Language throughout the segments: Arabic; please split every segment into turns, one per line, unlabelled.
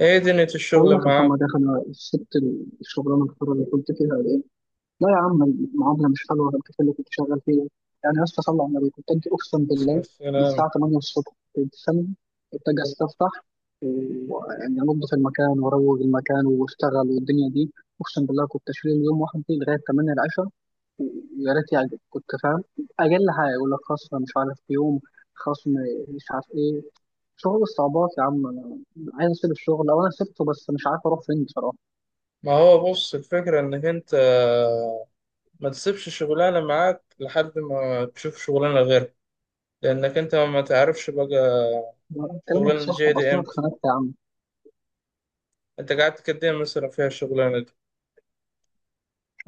ايه دنيا
بقول
الشغل
لك يا
معاك؟
محمد يا اخي، انا سبت الشغلانه الحره اللي كنت فيها دي. لا يا عم، المعامله مش حلوه غير كده اللي كنت شغال فيها. يعني يا اسطى صلى على النبي، كنت اجي اقسم بالله
بس
من
انا.
الساعه 8 الصبح كنت سامع، كنت اجي استفتح ويعني انضف المكان واروق المكان واشتغل والدنيا دي. اقسم بالله كنت اشيل يوم واحد دي لغايه 8 العشاء، ويا ريت يعجب، كنت فاهم؟ اقل حاجه يقول لك خصم مش عارف يوم، خصم مش عارف ايه، شغل الصعوبات. يا عم انا عايز اسيب الشغل، او انا سبته بس مش عارف اروح فين بصراحه.
ما هو بص، الفكرة انك انت ما تسيبش شغلانة معاك لحد ما تشوف شغلانة غيرها، لانك انت ما تعرفش بقى
كلامك
الشغلانة
صح
جاية
بس
دي
انا
امتى.
اتخانقت يا عم.
انت قعدت قد ايه مثلا فيها الشغلانة دي؟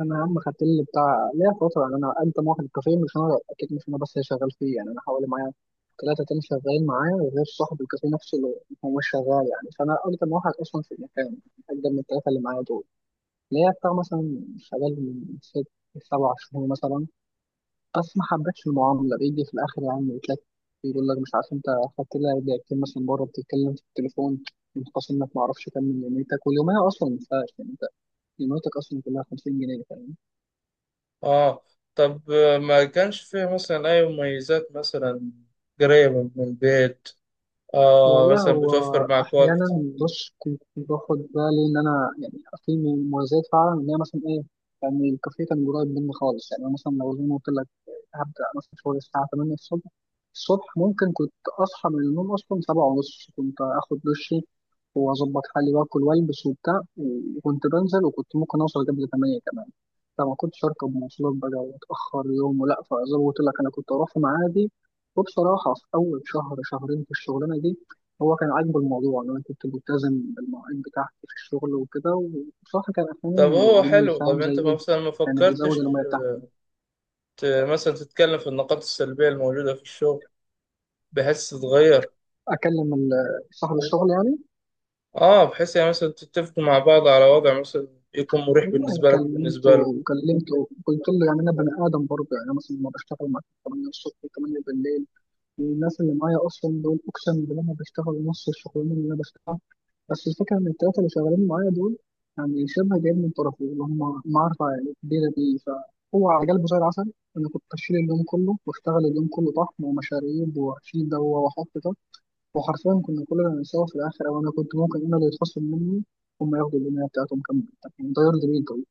انا يا عم خدت لي بتاع ليا فتره، يعني انا انت واحد الكافيه، مش انا اكيد، مش انا بس اللي شغال فيه، يعني انا حوالي معايا ثلاثه تاني شغالين معايا غير صاحب الكافيه نفسه اللي هو مش شغال. يعني فانا اقدم واحد اصلا في المكان، اقدم من الثلاثه اللي معايا دول. ليا بتاع مثلا شغال من ست سبع شهور مثلا. بس ما حبيتش المعامله، بيجي في الاخر يعني يتلك، يقول لك مش عارف انت خدت لها دقيقتين مثلا بره بتتكلم في التليفون، متخاصم انك ما اعرفش كام من يوميتك، واليوميه اصلا ما ينفعش، قيمتك اصلا كلها 50 جنيه، فاهم.
اه. طب ما كانش فيها مثلا اي مميزات مثلا؟ قريبة من البيت،
والله
مثلا
هو
بتوفر معك
احيانا،
وقت؟
بص كنت باخد بالي ان انا يعني في مميزات فعلا، ان هي مثلا ايه، يعني الكافيه كان قريب مني خالص. يعني أنا مثلا لو زي ما قلت لك هبدا مثلا شغل الساعه 8 الصبح، الصبح ممكن كنت اصحى من النوم اصلا 7 ونص، كنت اخد دشي واظبط حالي واكل والبس وبتاع، وكنت بنزل وكنت ممكن اوصل قبل 8 كمان. فما كنتش اركب مواصلات بقى واتاخر يوم، ولا فزي ما قلت لك انا كنت اروح في ميعادي. وبصراحه في اول شهر شهرين في الشغلانه دي هو كان عاجبه الموضوع ان انا كنت ملتزم بالمواعيد بتاعتي في الشغل وكده، وبصراحه كان احيانا
طب هو
بيديني،
حلو. طب
فاهم زي
انت
ايه،
مثلا ما
يعني بيزود
فكرتش
الميه بتاعتي.
ت- مثلا تتكلم في النقاط السلبية الموجودة في الشغل بحيث تتغير؟
اكلم ال- صاحب الشغل يعني.
اه، بحيث يعني مثلا تتفقوا مع بعض على وضع مثلا يكون مريح
والله
بالنسبة لك
كلمته،
وبالنسبة له.
قلت له يعني انا بني ادم برضه. يعني أنا مثلا لما بشتغل معاك 8 الصبح 8 بالليل، الناس اللي معايا اصلا دول اقسم بالله انا بشتغل نص الشغلانه اللي انا بشتغلها. بس الفكره ان الثلاثه اللي شغالين معايا دول يعني شبه جايين من طرفي، اللي هم معرفه يعني كبيره دي، فهو على قلبه زي العسل. انا كنت اشيل اليوم كله واشتغل اليوم كله طحن ومشاريب واشيل ده واحط ده، وحرفيا كنا كلنا بنساوي في الاخر، او انا كنت ممكن انا اللي يتخصم مني، هم ياخدوا الدنيا بتاعتهم كامله. يعني ده يرضي بيك؟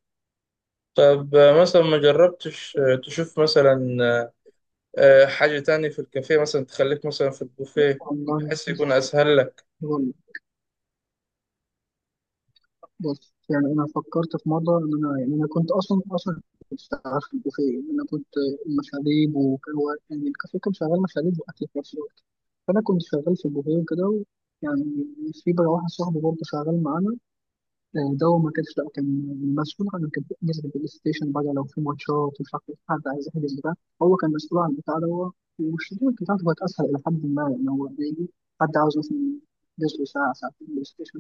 طب مثلا ما جربتش تشوف مثلا حاجة تانية في الكافيه، مثلا تخليك مثلا في البوفيه
والله
بحيث يكون
بص.
أسهل لك؟
والله بص، يعني انا فكرت في مره ان انا، يعني انا كنت اصلا كنت شغال في البوفيه، انا كنت مشاريب، يعني الكافيه كان شغال مشاريب واكل في نفس الوقت، فانا كنت شغال في البوفيه يعني. في بقى واحد صاحبي برضه شغال معانا، ده هو ما كانش، لا كان مسؤول عن، كان بيحجز البلاي ستيشن بقى لو في ماتشات، ومش عارف إيه، حد عايز يحجز بتاع، هو كان مسؤول عن البتاع ده. والشغل بتاعته كانت اسهل الى حد ما، يعني هو بيجي حد عاوز مثلا جزء ساعة ساعتين بلاي ستيشن،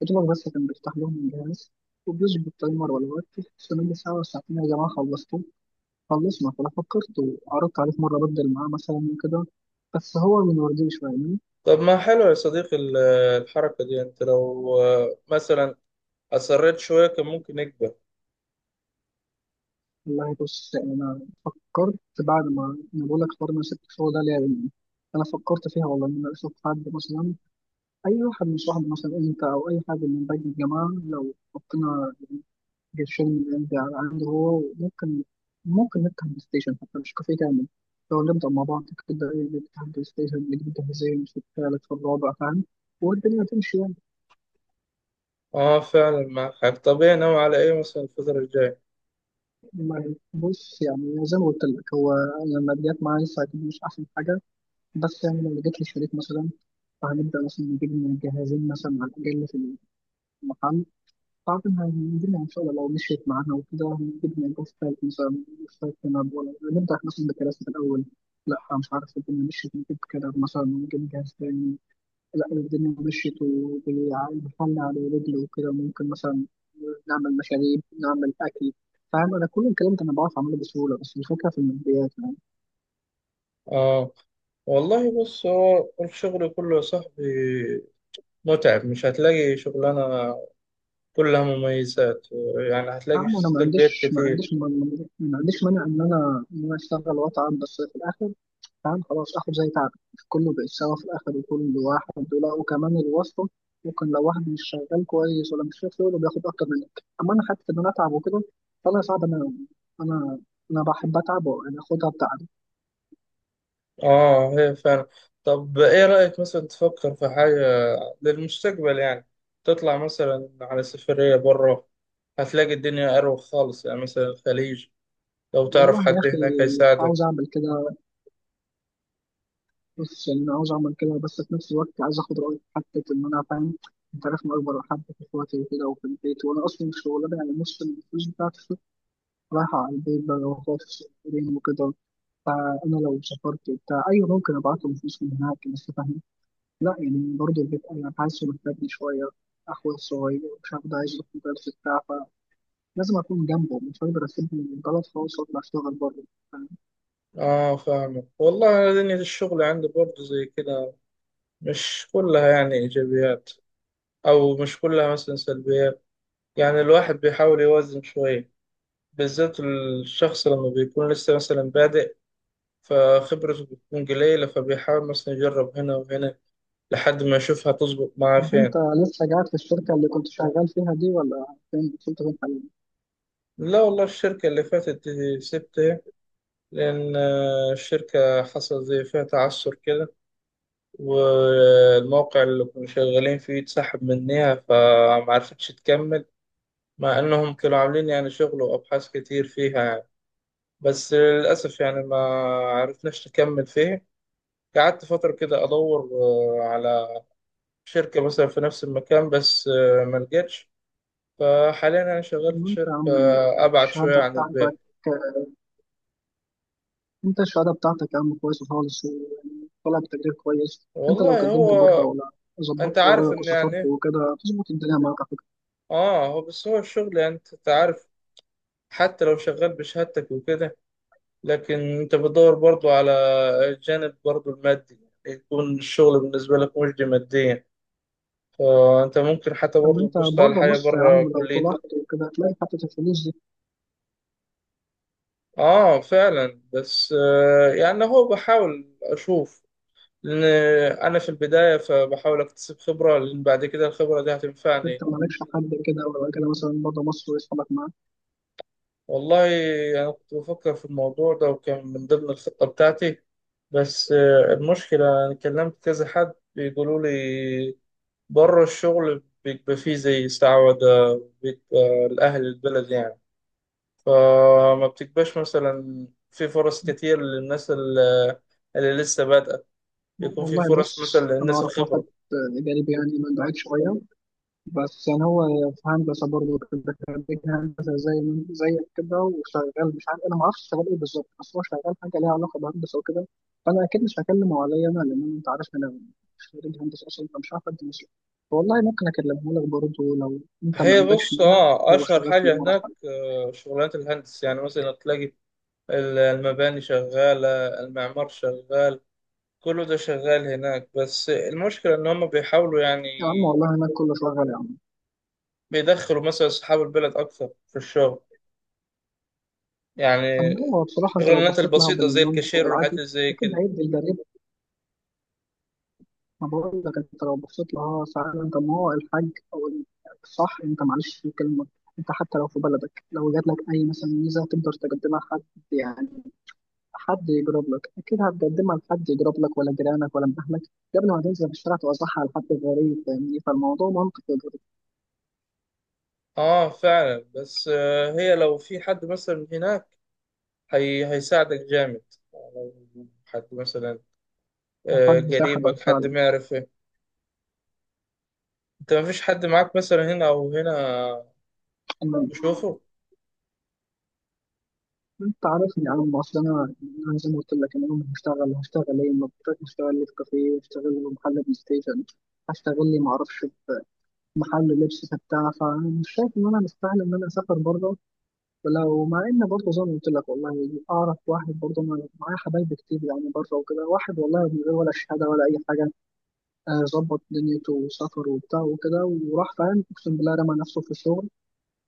فضل بس كان بيفتح لهم الجهاز وبيظبط تايمر ولا وقت، استنى ساعة ولا ساعتين يا جماعة خلصتوا، خلصنا. فأنا فكرت وعرضت عليه في مرة أبدل معاه مثلا وكده، بس هو من وردي شوية يعني.
طب ما حلو يا صديقي الحركة دي، أنت لو مثلا أصريت شوية كان ممكن يكبر.
والله بص أنا فكرت بعد ما، أنا بقول لك حوار إن أنا سبت الشغل ده ليه يعني. أنا فكرت فيها والله إن أنا أشوف حد مثلا أي واحد من صحابي، مثلا أنت أو أي حد من باقي الجماعة، لو حطينا الفيلم اللي عندي عنده هو ممكن، ممكن نفتح بلاي ستيشن حتى مش كافيه كامل. لو نبدأ مع بعض كده نفتح بلاي ستيشن نجيب جهازين في الثالث في الرابع، فاهم، والدنيا هتمشي يعني.
اه فعلا معك حق. طب ايه ناوي على ايه مثلا الفترة الجاية؟
بص يعني زي ما قلت لك هو لما جت معايا لسه هتبقى مش أحسن حاجة، بس يعني لو جبت لي شريك مثلا، فهنبدأ مثلا نجيب من الجهازين مثلا على الأقل في المحل. أعتقد هنجيبها إن شاء الله، لو مشيت معانا وكده هنجيبها، يبقى في فايت مثلا مش فايت نلعب، ولا نبدأ مثلا بكراسة الأول، لا مش عارف. الدنيا مشيت نجيب كده مثلا، ممكن نجهز تاني. لا لو الدنيا مشيت وبالحل على رجل وكده ممكن مثلا نعمل مشاريب نعمل أكل، فاهم. أنا كل الكلام ده أنا بعرف أعمله بسهولة، بس الفكرة في الماديات يعني.
اه. والله بص، هو الشغل كله يا صاحبي متعب، مش هتلاقي شغلانة كلها مميزات، يعني هتلاقي
فاهم، أنا ما
سلبيات
عنديش، ما
كتير.
عنديش ما ما- ما عنديش مانع إن أنا، أشتغل وأتعب، بس في الآخر فاهم خلاص اخد زي تعب كله، بقت سوا في الاخر وكل واحد، ولا وكمان الواسطه، ممكن لو واحد مش شغال كويس ولا مش شايف شغله بياخد اكتر منك، اما انا حتى ان انا اتعب وكده. فانا صعب انا انا بحب اتعب وانا اخدها بتعب.
اه هي فعلا. طب ايه رأيك مثلا تفكر في حاجة للمستقبل يعني؟ تطلع مثلا على سفرية بره، هتلاقي الدنيا أروق خالص، يعني مثلا الخليج لو
والله
تعرف
يا
حد
اخي
هناك هيساعدك.
عاوز اعمل كده، بس يعني انا عاوز اعمل كده بس في نفس الوقت عايز اخد رايك حتى ان انا فاهم. انت عارف انا اكبر حد في اخواتي وكده وفي البيت، وانا اصلا الشغلانه يعني نص الفلوس بتاعتي رايحه على البيت بقى واخواتي الصغيرين وكده. فانا لو سافرت وبتاع ايوه ممكن ابعت له فلوس من هناك، بس فاهم لا، يعني برضه البيت انا حاسه محتاجني شويه، اخويا الصغير مش عارف ده عايز يروح مدرسه بتاع، فلازم اكون جنبه، مش هقدر اسيبه من البلد خالص واطلع اشتغل بره، فاهم؟
اه فاهمك والله. أنا دنيا الشغل عندي برضه زي كده، مش كلها يعني إيجابيات أو مش كلها مثلا سلبيات، يعني الواحد بيحاول يوازن شوية، بالذات الشخص لما بيكون لسه مثلا بادئ فخبرته بتكون قليلة، فبيحاول مثلا يجرب هنا وهنا لحد ما يشوف هتظبط معاه
طب انت
فين.
لسه قاعد في الشركه اللي كنت شغال فيها دي؟ ولا فين، كنت فين حاليا؟
لا والله، الشركة اللي فاتت دي سبتها لأن الشركة حصل زي فيها تعثر كده، والموقع اللي كنا شغالين فيه اتسحب منها فمعرفتش تكمل، مع إنهم كانوا عاملين يعني شغل وأبحاث كتير فيها يعني. بس للأسف يعني ما عرفناش نكمل فيه. قعدت فترة كده أدور على شركة مثلا في نفس المكان بس ما لقيتش. فحاليا أنا شغال في
وانت يا
شركة
عم
أبعد شوية
الشهاده
عن
بتاعتك،
البيت.
انت الشهاده بتاعتك يا عم كويسه خالص ويعني طلع بتقدير كويس. انت لو
والله
قدمت
هو،
بره، ولا
أنت
ظبطت
عارف
ورقك
إن يعني
وسافرت
إيه؟
وكده، هتظبط الدنيا معاك.
آه، هو بس هو الشغل يعني أنت عارف، حتى لو شغال بشهادتك وكده لكن أنت بتدور برضو على الجانب برضو المادي، يعني يكون الشغل بالنسبة لك مجدي ماديا، فأنت ممكن حتى
طب ما
برضو
انت
تبص على
بره
حاجة
مصر يا عم،
بره
لو طلعت
كليتك.
وكده هتلاقي حتة الفلوس دي.
آه فعلا، بس آه يعني هو بحاول أشوف لأن أنا في البداية، فبحاول أكتسب خبرة لأن بعد كده الخبرة دي
انت
هتنفعني.
مالكش حد كده ولا كده مثلا بره مصر ويسحبك معاك؟
والله أنا كنت بفكر في الموضوع ده وكان من ضمن الخطة بتاعتي، بس المشكلة أنا كلمت كذا حد بيقولوا لي بره الشغل بيبقى فيه زي استعوذة، بيبقى لأهل البلد يعني، فما بتبقاش مثلا في فرص كتير للناس اللي لسه بادئة، بيكون في
والله
فرص مثلا
بص انا
للناس
اعرف واحد
الخبرة.
جانبي يعني من بعيد شوية، بس يعني هو في هندسة برضه كده، خريج هندسة زي زيك كده، وشغال مش عارف، انا ما اعرفش شغال ايه بالظبط، بس هو شغال حاجة ليها علاقة بهندسة وكده. فانا اكيد مش هكلمه عليا انا، لان انت عارف انا مش خريج هندسة اصلا، فمش عارف ادي مصر. والله ممكن اكلمه لك برضه لو انت ما
هي
عندكش
بص،
مانع.
اه
هو
اشهر
شغال في
حاجه
الامارات.
هناك شغلانات الهندس، يعني مثلا تلاقي المباني شغاله، المعمار شغال، كله ده شغال هناك، بس المشكله ان هم بيحاولوا يعني
يا عم والله هناك كله شغال يا عم.
بيدخلوا مثلا اصحاب البلد اكثر في الشغل، يعني
طب هو بصراحة أنت لو
الشغلانات
بصيت لها
البسيطه زي
بالمنطق
الكاشير والحاجات
وبالعقل
اللي زي
أكيد
كده.
هيدي الجريمة. ما بقول لك أنت لو بصيت لها ساعتها، طب ما هو الحاج الصح، أنت معلش في الكلمة. أنت حتى لو في بلدك، لو جات لك أي مثلا ميزة تقدر تقدمها لحد، يعني حد يجرب لك، أكيد هتقدمها لحد يجرب لك ولا جيرانك ولا من أهلك، قبل ما تنزل في الشارع توزعها على حد غريب، فاهمني، فالموضوع منطقي برضه.
اه فعلا، بس هي لو في حد مثلا هناك هي هيساعدك جامد، لو حد مثلا
وحد ساحبك
قريبك، حد
فعلا.
معرفة. انت مفيش حد معاك مثلا هنا او هنا تشوفه؟
انت عارفني يا عم اصل انا، انا زي ما قلت لك، انا يوم هشتغل هشتغل ايه؟ ما بقدرش. هشتغل لي في كافيه، هشتغل لي في محل بلاي ستيشن، هشتغل لي ما اعرفش في محل لبس بتاع، فمش شايف ان انا مستاهل ان انا اسافر بره. ولو مع ان برضه زي ما قلت لك والله اعرف واحد برضه، انا معايا حبايب كتير يعني بره وكده، واحد والله من غير ولا شهاده ولا اي حاجه، ظبط دنيته وسافر وبتاع وكده وراح، فاهم، اقسم بالله رمى نفسه في الشغل.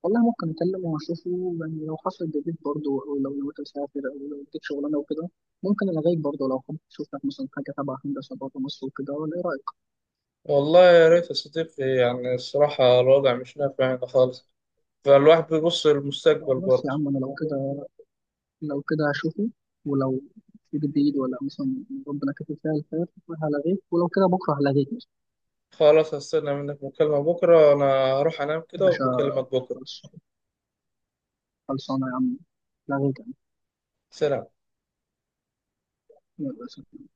والله ممكن اكلمه واشوفه، يعني لو حصل جديد برضه، او لو نويت اسافر، او لو اديك شغلانه وكده ممكن الغيك برضه، لو حابب تشوف لك مثلا حاجه تبع هندسه بره مصر وكده، ولا ايه رايك؟
والله يا ريت يا صديقي، يعني الصراحة الوضع مش نافع هنا خالص، فالواحد بيبص للمستقبل
بس يا
برضه.
عم انا لو كده، لو كده هشوفه، ولو في جديد ولا مثلا ربنا كاتب فيها الخير هلغيك، ولو كده بكره هلغيك مثلا.
خلاص، هستنى منك مكالمة بكرة. انا هروح انام
يا
كده
باشا،
وبكلمك بكرة.
خلص- خلصانه يا عم، لغيك يعني.
سلام.
يلا سلام.